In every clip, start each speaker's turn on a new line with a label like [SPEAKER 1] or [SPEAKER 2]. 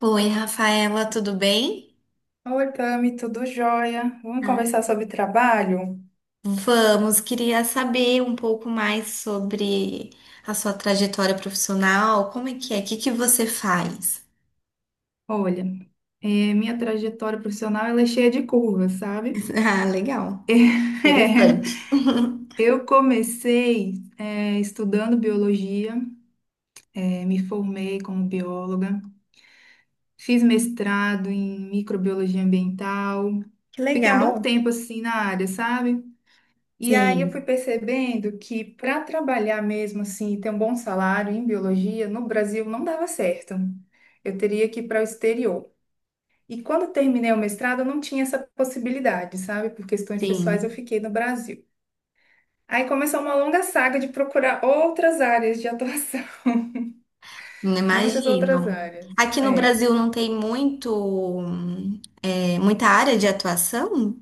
[SPEAKER 1] Oi, Rafaela, tudo bem?
[SPEAKER 2] Oi, Tami, tudo jóia? Vamos
[SPEAKER 1] Ah.
[SPEAKER 2] conversar sobre trabalho?
[SPEAKER 1] Vamos, queria saber um pouco mais sobre a sua trajetória profissional. Como é que é? O que que você faz?
[SPEAKER 2] Olha, minha trajetória profissional ela é cheia de curvas, sabe?
[SPEAKER 1] Ah, legal. Interessante.
[SPEAKER 2] É, eu comecei, estudando biologia, me formei como bióloga, fiz mestrado em microbiologia ambiental,
[SPEAKER 1] Que
[SPEAKER 2] fiquei um bom
[SPEAKER 1] legal.
[SPEAKER 2] tempo assim na área, sabe? E aí eu fui
[SPEAKER 1] Sim,
[SPEAKER 2] percebendo que para trabalhar mesmo assim, e ter um bom salário em biologia, no Brasil não dava certo. Eu teria que ir para o exterior. E quando terminei o mestrado, eu não tinha essa possibilidade, sabe? Por questões pessoais, eu
[SPEAKER 1] sim.
[SPEAKER 2] fiquei no Brasil. Aí começou uma longa saga de procurar outras áreas de atuação,
[SPEAKER 1] Não,
[SPEAKER 2] muitas outras
[SPEAKER 1] imagino.
[SPEAKER 2] áreas.
[SPEAKER 1] Aqui no
[SPEAKER 2] É.
[SPEAKER 1] Brasil não tem muito, muita área de atuação?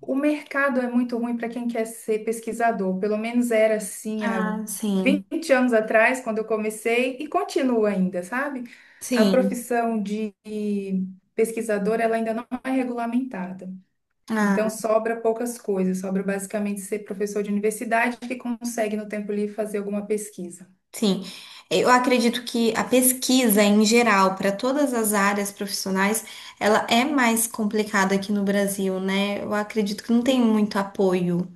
[SPEAKER 2] O mercado é muito ruim para quem quer ser pesquisador, pelo menos era assim há
[SPEAKER 1] Ah, sim,
[SPEAKER 2] 20 anos atrás, quando eu comecei, e continua ainda, sabe? A
[SPEAKER 1] sim.
[SPEAKER 2] profissão de pesquisador, ela ainda não é regulamentada. Então, sobra poucas coisas, sobra basicamente ser professor de universidade que consegue, no tempo livre, fazer alguma pesquisa.
[SPEAKER 1] Sim, eu acredito que a pesquisa em geral, para todas as áreas profissionais, ela é mais complicada aqui no Brasil, né? Eu acredito que não tem muito apoio,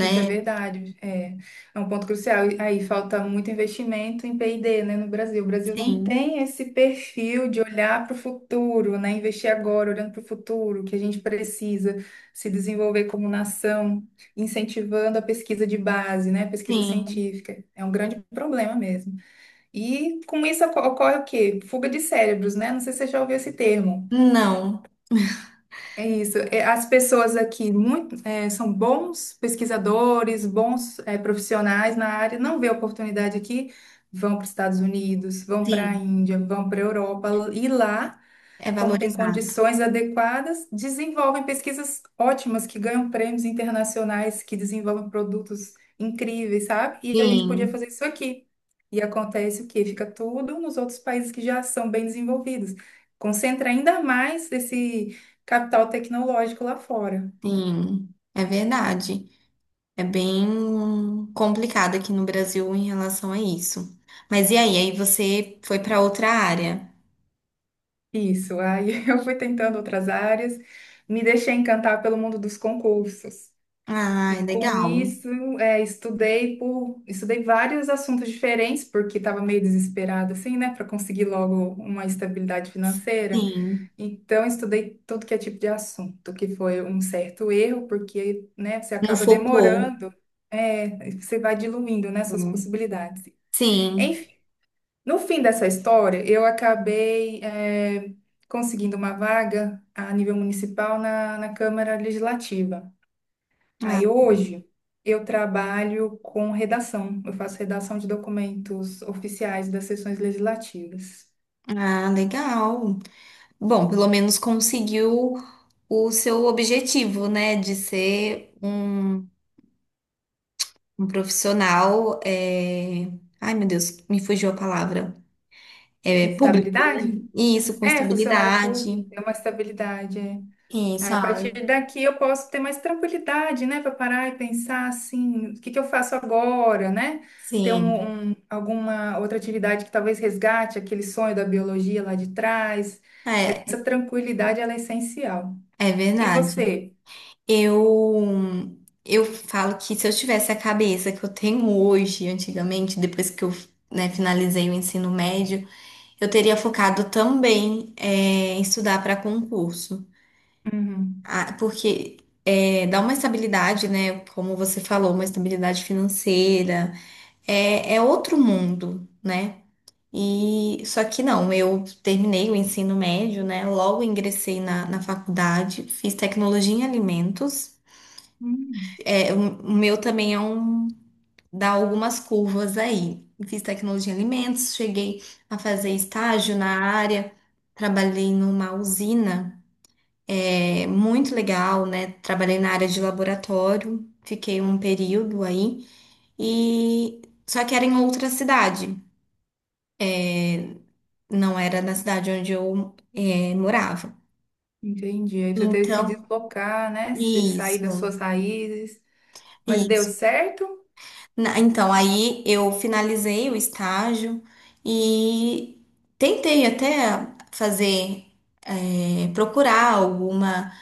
[SPEAKER 2] Isso é verdade, é um ponto crucial. E aí falta muito investimento em P&D, né, no Brasil. O Brasil não
[SPEAKER 1] Sim,
[SPEAKER 2] tem esse perfil de olhar para o futuro, né, investir agora, olhando para o futuro, que a gente precisa se desenvolver como nação, incentivando a pesquisa de base, né, pesquisa
[SPEAKER 1] sim,
[SPEAKER 2] científica. É um grande problema mesmo. E com isso ocorre o quê? Fuga de cérebros, né? Não sei se você já ouviu esse termo.
[SPEAKER 1] não,
[SPEAKER 2] É isso. É, as pessoas aqui muito, são bons pesquisadores, bons, profissionais na área, não vê oportunidade aqui, vão para os Estados Unidos, vão para a
[SPEAKER 1] sim,
[SPEAKER 2] Índia, vão para a Europa, e lá
[SPEAKER 1] é
[SPEAKER 2] como têm
[SPEAKER 1] valorizado.
[SPEAKER 2] condições adequadas, desenvolvem pesquisas ótimas que ganham prêmios internacionais, que desenvolvem produtos incríveis, sabe? E a gente podia
[SPEAKER 1] Sim,
[SPEAKER 2] fazer isso aqui. E acontece o quê? Fica tudo nos outros países que já são bem desenvolvidos. Concentra ainda mais esse capital tecnológico lá fora.
[SPEAKER 1] sim, é verdade. É bem complicado aqui no Brasil em relação a isso. Mas e aí? Aí você foi para outra área?
[SPEAKER 2] Isso. Aí eu fui tentando outras áreas, me deixei encantar pelo mundo dos concursos.
[SPEAKER 1] Ah,
[SPEAKER 2] E com
[SPEAKER 1] legal.
[SPEAKER 2] isso, estudei vários assuntos diferentes, porque estava meio desesperada, assim, né, para conseguir logo uma estabilidade financeira.
[SPEAKER 1] Sim,
[SPEAKER 2] Então, estudei tudo que é tipo de assunto, que foi um certo erro, porque, né, você
[SPEAKER 1] não
[SPEAKER 2] acaba
[SPEAKER 1] focou.
[SPEAKER 2] demorando, você vai diluindo, né,
[SPEAKER 1] É.
[SPEAKER 2] suas possibilidades.
[SPEAKER 1] Sim.
[SPEAKER 2] Enfim, no fim dessa história, eu acabei, conseguindo uma vaga a nível municipal na Câmara Legislativa.
[SPEAKER 1] Ah,
[SPEAKER 2] Aí hoje eu trabalho com redação. Eu faço redação de documentos oficiais das sessões legislativas.
[SPEAKER 1] ah, legal. Bom, pelo menos conseguiu o seu objetivo, né? De ser um, um profissional. Ai, meu Deus, me fugiu a palavra.
[SPEAKER 2] Com
[SPEAKER 1] É público, né?
[SPEAKER 2] estabilidade?
[SPEAKER 1] Isso, com
[SPEAKER 2] É, funcionária pública,
[SPEAKER 1] estabilidade.
[SPEAKER 2] é uma estabilidade. É. Aí,
[SPEAKER 1] Isso,
[SPEAKER 2] a
[SPEAKER 1] Ale.
[SPEAKER 2] partir daqui eu posso ter mais tranquilidade, né, para parar e pensar assim, o que que eu faço agora, né? Ter
[SPEAKER 1] Sim,
[SPEAKER 2] alguma outra atividade que talvez resgate aquele sonho da biologia lá de trás. Essa
[SPEAKER 1] é,
[SPEAKER 2] tranquilidade, ela é essencial.
[SPEAKER 1] é
[SPEAKER 2] E
[SPEAKER 1] verdade.
[SPEAKER 2] você?
[SPEAKER 1] Eu. Eu falo que se eu tivesse a cabeça que eu tenho hoje, antigamente, depois que eu, né, finalizei o ensino médio, eu teria focado também em estudar para concurso.
[SPEAKER 2] Uhum.
[SPEAKER 1] Ah, porque dá uma estabilidade, né? Como você falou, uma estabilidade financeira, é outro mundo, né? E só que não, eu terminei o ensino médio, né? Logo ingressei na faculdade, fiz tecnologia em alimentos.
[SPEAKER 2] Hum.
[SPEAKER 1] É, o meu também é um dar algumas curvas aí. Fiz tecnologia em alimentos, cheguei a fazer estágio na área, trabalhei numa usina, é muito legal, né? Trabalhei na área de laboratório, fiquei um período aí, e só que era em outra cidade, não era na cidade onde eu morava.
[SPEAKER 2] Entendi. Aí você teve que se
[SPEAKER 1] Então,
[SPEAKER 2] deslocar, né? Se sair das
[SPEAKER 1] isso.
[SPEAKER 2] suas raízes. Mas deu
[SPEAKER 1] Isso.
[SPEAKER 2] certo?
[SPEAKER 1] Então, aí eu finalizei o estágio e tentei até fazer, procurar alguma,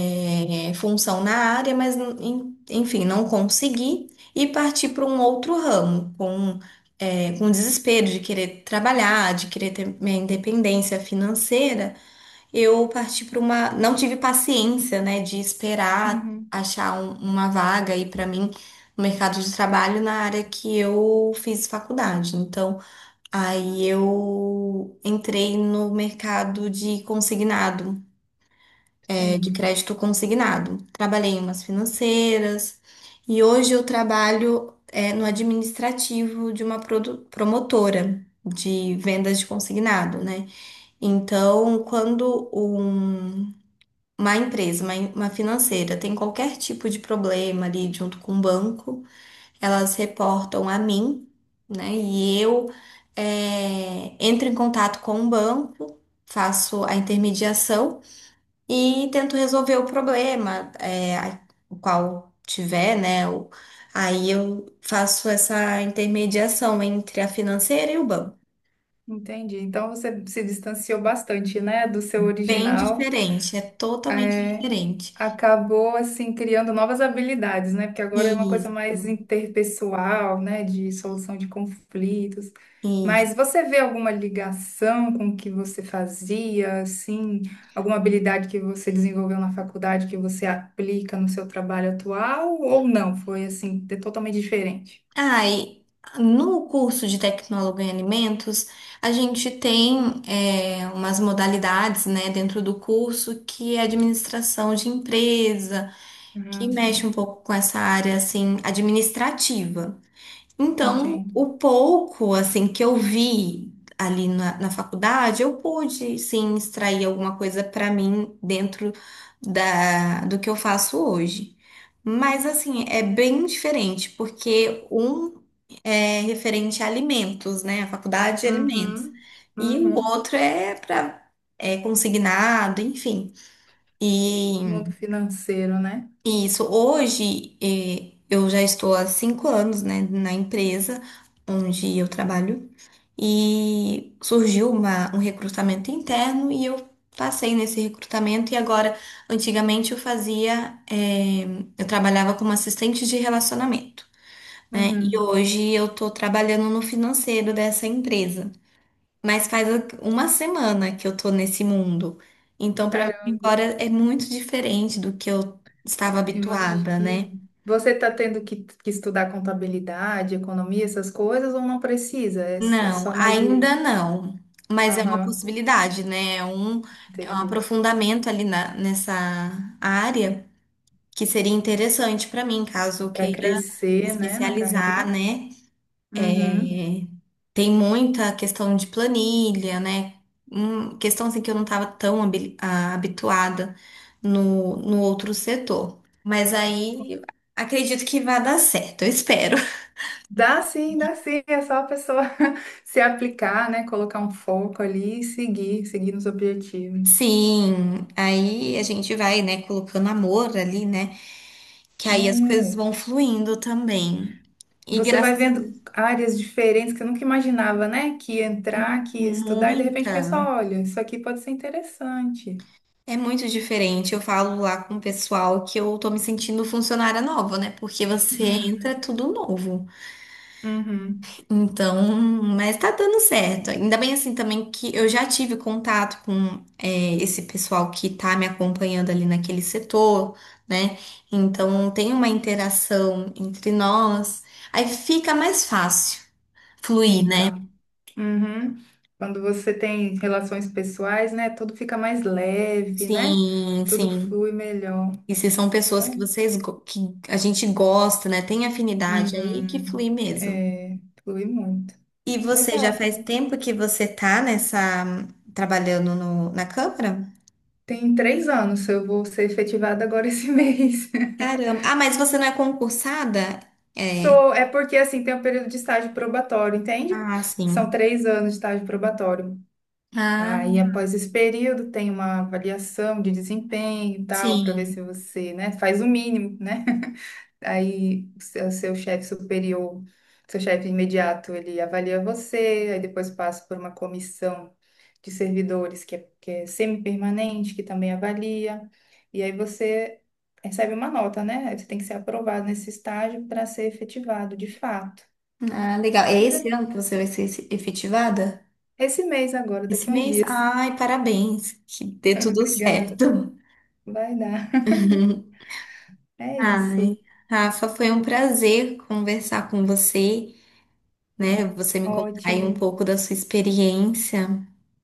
[SPEAKER 1] função na área, mas enfim, não consegui e parti para um outro ramo, com desespero de querer trabalhar, de querer ter minha independência financeira. Eu parti para uma. Não tive paciência, né, de esperar
[SPEAKER 2] Uhum.
[SPEAKER 1] achar uma vaga aí para mim no mercado de trabalho na área que eu fiz faculdade. Então, aí eu entrei no mercado de consignado, de
[SPEAKER 2] Sim,
[SPEAKER 1] crédito consignado. Trabalhei em umas financeiras e hoje eu trabalho, no administrativo de uma promotora de vendas de consignado, né? Então, quando uma empresa, uma financeira, tem qualquer tipo de problema ali junto com o banco, elas reportam a mim, né? E eu entro em contato com o banco, faço a intermediação e tento resolver o problema, o qual tiver, né? Aí eu faço essa intermediação entre a financeira e o banco.
[SPEAKER 2] entendi. Então você se distanciou bastante, né, do seu
[SPEAKER 1] Bem
[SPEAKER 2] original.
[SPEAKER 1] diferente, é totalmente
[SPEAKER 2] É,
[SPEAKER 1] diferente.
[SPEAKER 2] acabou assim criando novas habilidades, né? Porque agora é uma coisa mais interpessoal, né, de solução de conflitos.
[SPEAKER 1] E
[SPEAKER 2] Mas você vê alguma ligação com o que você fazia, assim, alguma habilidade que você desenvolveu na faculdade que você aplica no seu trabalho atual ou não? Foi assim, totalmente diferente.
[SPEAKER 1] ai, no curso de tecnólogo em alimentos, a gente tem umas modalidades, né, dentro do curso que é administração de empresa, que
[SPEAKER 2] Ah,
[SPEAKER 1] mexe um
[SPEAKER 2] sim,
[SPEAKER 1] pouco com essa área assim administrativa. Então,
[SPEAKER 2] entendo.
[SPEAKER 1] o pouco assim que eu vi ali na faculdade, eu pude sim extrair alguma coisa para mim dentro da, do que eu faço hoje. Mas assim, é bem diferente, porque um é referente a alimentos, né? A faculdade de alimentos.
[SPEAKER 2] Uhum,
[SPEAKER 1] E o
[SPEAKER 2] uhum.
[SPEAKER 1] outro é para consignado, enfim. E
[SPEAKER 2] Mundo financeiro, né?
[SPEAKER 1] isso. Hoje, eu já estou há 5 anos, né, na empresa onde eu trabalho e surgiu um recrutamento interno e eu passei nesse recrutamento e agora, antigamente eu trabalhava como assistente de relacionamento, né, e
[SPEAKER 2] Uhum.
[SPEAKER 1] hoje eu estou trabalhando no financeiro dessa empresa. Mas faz uma semana que eu tô nesse mundo. Então, pra mim, agora é muito diferente do que eu estava
[SPEAKER 2] É,
[SPEAKER 1] habituada,
[SPEAKER 2] imagino.
[SPEAKER 1] né?
[SPEAKER 2] Você está tendo que estudar contabilidade, economia, essas coisas, ou não precisa? É, é
[SPEAKER 1] Não,
[SPEAKER 2] só mais o.
[SPEAKER 1] ainda não. Mas é uma
[SPEAKER 2] Aham,
[SPEAKER 1] possibilidade, né? É um
[SPEAKER 2] entendi.
[SPEAKER 1] aprofundamento ali nessa área que seria interessante pra mim, caso eu
[SPEAKER 2] Para
[SPEAKER 1] queira me
[SPEAKER 2] crescer, né, na
[SPEAKER 1] especializar,
[SPEAKER 2] carreira.
[SPEAKER 1] né?
[SPEAKER 2] Uhum.
[SPEAKER 1] É, tem muita questão de planilha, né? Questão assim que eu não estava tão habituada no outro setor. Mas aí acredito que vai dar certo, eu espero.
[SPEAKER 2] Dá sim, dá sim. É só a pessoa se aplicar, né, colocar um foco ali e seguir, seguir nos objetivos.
[SPEAKER 1] Sim, aí a gente vai, né, colocando amor ali, né? Que aí as coisas
[SPEAKER 2] É.
[SPEAKER 1] vão fluindo também. E
[SPEAKER 2] Você vai
[SPEAKER 1] graças a Deus,
[SPEAKER 2] vendo áreas diferentes que eu nunca imaginava, né, que ia entrar,
[SPEAKER 1] mu-
[SPEAKER 2] que ia estudar, e de repente pensa:
[SPEAKER 1] muita.
[SPEAKER 2] olha, isso aqui pode ser interessante.
[SPEAKER 1] É muito diferente. Eu falo lá com o pessoal que eu tô me sentindo funcionária nova, né? Porque você entra é tudo novo.
[SPEAKER 2] Uhum.
[SPEAKER 1] Então, mas tá dando certo. Ainda bem assim também que eu já tive contato com esse pessoal que tá me acompanhando ali naquele setor, né? Então tem uma interação entre nós. Aí fica mais fácil fluir, né?
[SPEAKER 2] Fica. Uhum. Quando você tem relações pessoais, né? Tudo fica mais leve, né?
[SPEAKER 1] Sim,
[SPEAKER 2] Tudo
[SPEAKER 1] sim.
[SPEAKER 2] flui melhor,
[SPEAKER 1] E se são pessoas que
[SPEAKER 2] né?
[SPEAKER 1] que a gente gosta, né? Tem afinidade aí que
[SPEAKER 2] Uhum.
[SPEAKER 1] flui mesmo.
[SPEAKER 2] É, flui muito.
[SPEAKER 1] E você já
[SPEAKER 2] Legal, tá?
[SPEAKER 1] faz tempo que você tá nessa trabalhando na Câmara?
[SPEAKER 2] Tem 3 anos, eu vou ser efetivada agora esse mês.
[SPEAKER 1] Caramba. Ah, mas você não é concursada? É.
[SPEAKER 2] Sou, é porque assim tem um período de estágio probatório, entende?
[SPEAKER 1] Ah,
[SPEAKER 2] São
[SPEAKER 1] sim.
[SPEAKER 2] 3 anos de estágio probatório.
[SPEAKER 1] Ah,
[SPEAKER 2] Aí, após esse período, tem uma avaliação de desempenho e tal, para ver se
[SPEAKER 1] sim.
[SPEAKER 2] você, né, faz o mínimo, né? Aí seu chefe superior, seu chefe imediato, ele avalia você, aí depois passa por uma comissão de servidores que é semi-permanente, que também avalia, e aí você recebe uma nota, né? Aí você tem que ser aprovado nesse estágio para ser efetivado de fato.
[SPEAKER 1] Ah, legal. É
[SPEAKER 2] Mas é
[SPEAKER 1] esse ano que você vai ser efetivada?
[SPEAKER 2] esse mês agora,
[SPEAKER 1] Esse
[SPEAKER 2] daqui a uns
[SPEAKER 1] mês?
[SPEAKER 2] dias.
[SPEAKER 1] Ai, parabéns. Que dê tudo
[SPEAKER 2] Obrigada.
[SPEAKER 1] certo.
[SPEAKER 2] Vai dar. É
[SPEAKER 1] Ai,
[SPEAKER 2] isso.
[SPEAKER 1] Rafa, foi um prazer conversar com você. Né? Você me contar aí um
[SPEAKER 2] Ótimo.
[SPEAKER 1] pouco da sua experiência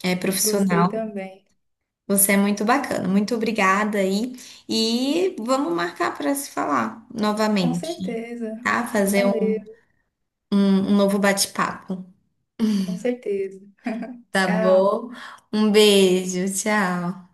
[SPEAKER 2] Gostei
[SPEAKER 1] profissional.
[SPEAKER 2] também.
[SPEAKER 1] Você é muito bacana. Muito obrigada aí. E vamos marcar para se falar
[SPEAKER 2] Com
[SPEAKER 1] novamente,
[SPEAKER 2] certeza.
[SPEAKER 1] tá? Fazer
[SPEAKER 2] Valeu.
[SPEAKER 1] um um novo bate-papo.
[SPEAKER 2] Com certeza.
[SPEAKER 1] Tá
[SPEAKER 2] Tchau.
[SPEAKER 1] bom? Um beijo, tchau.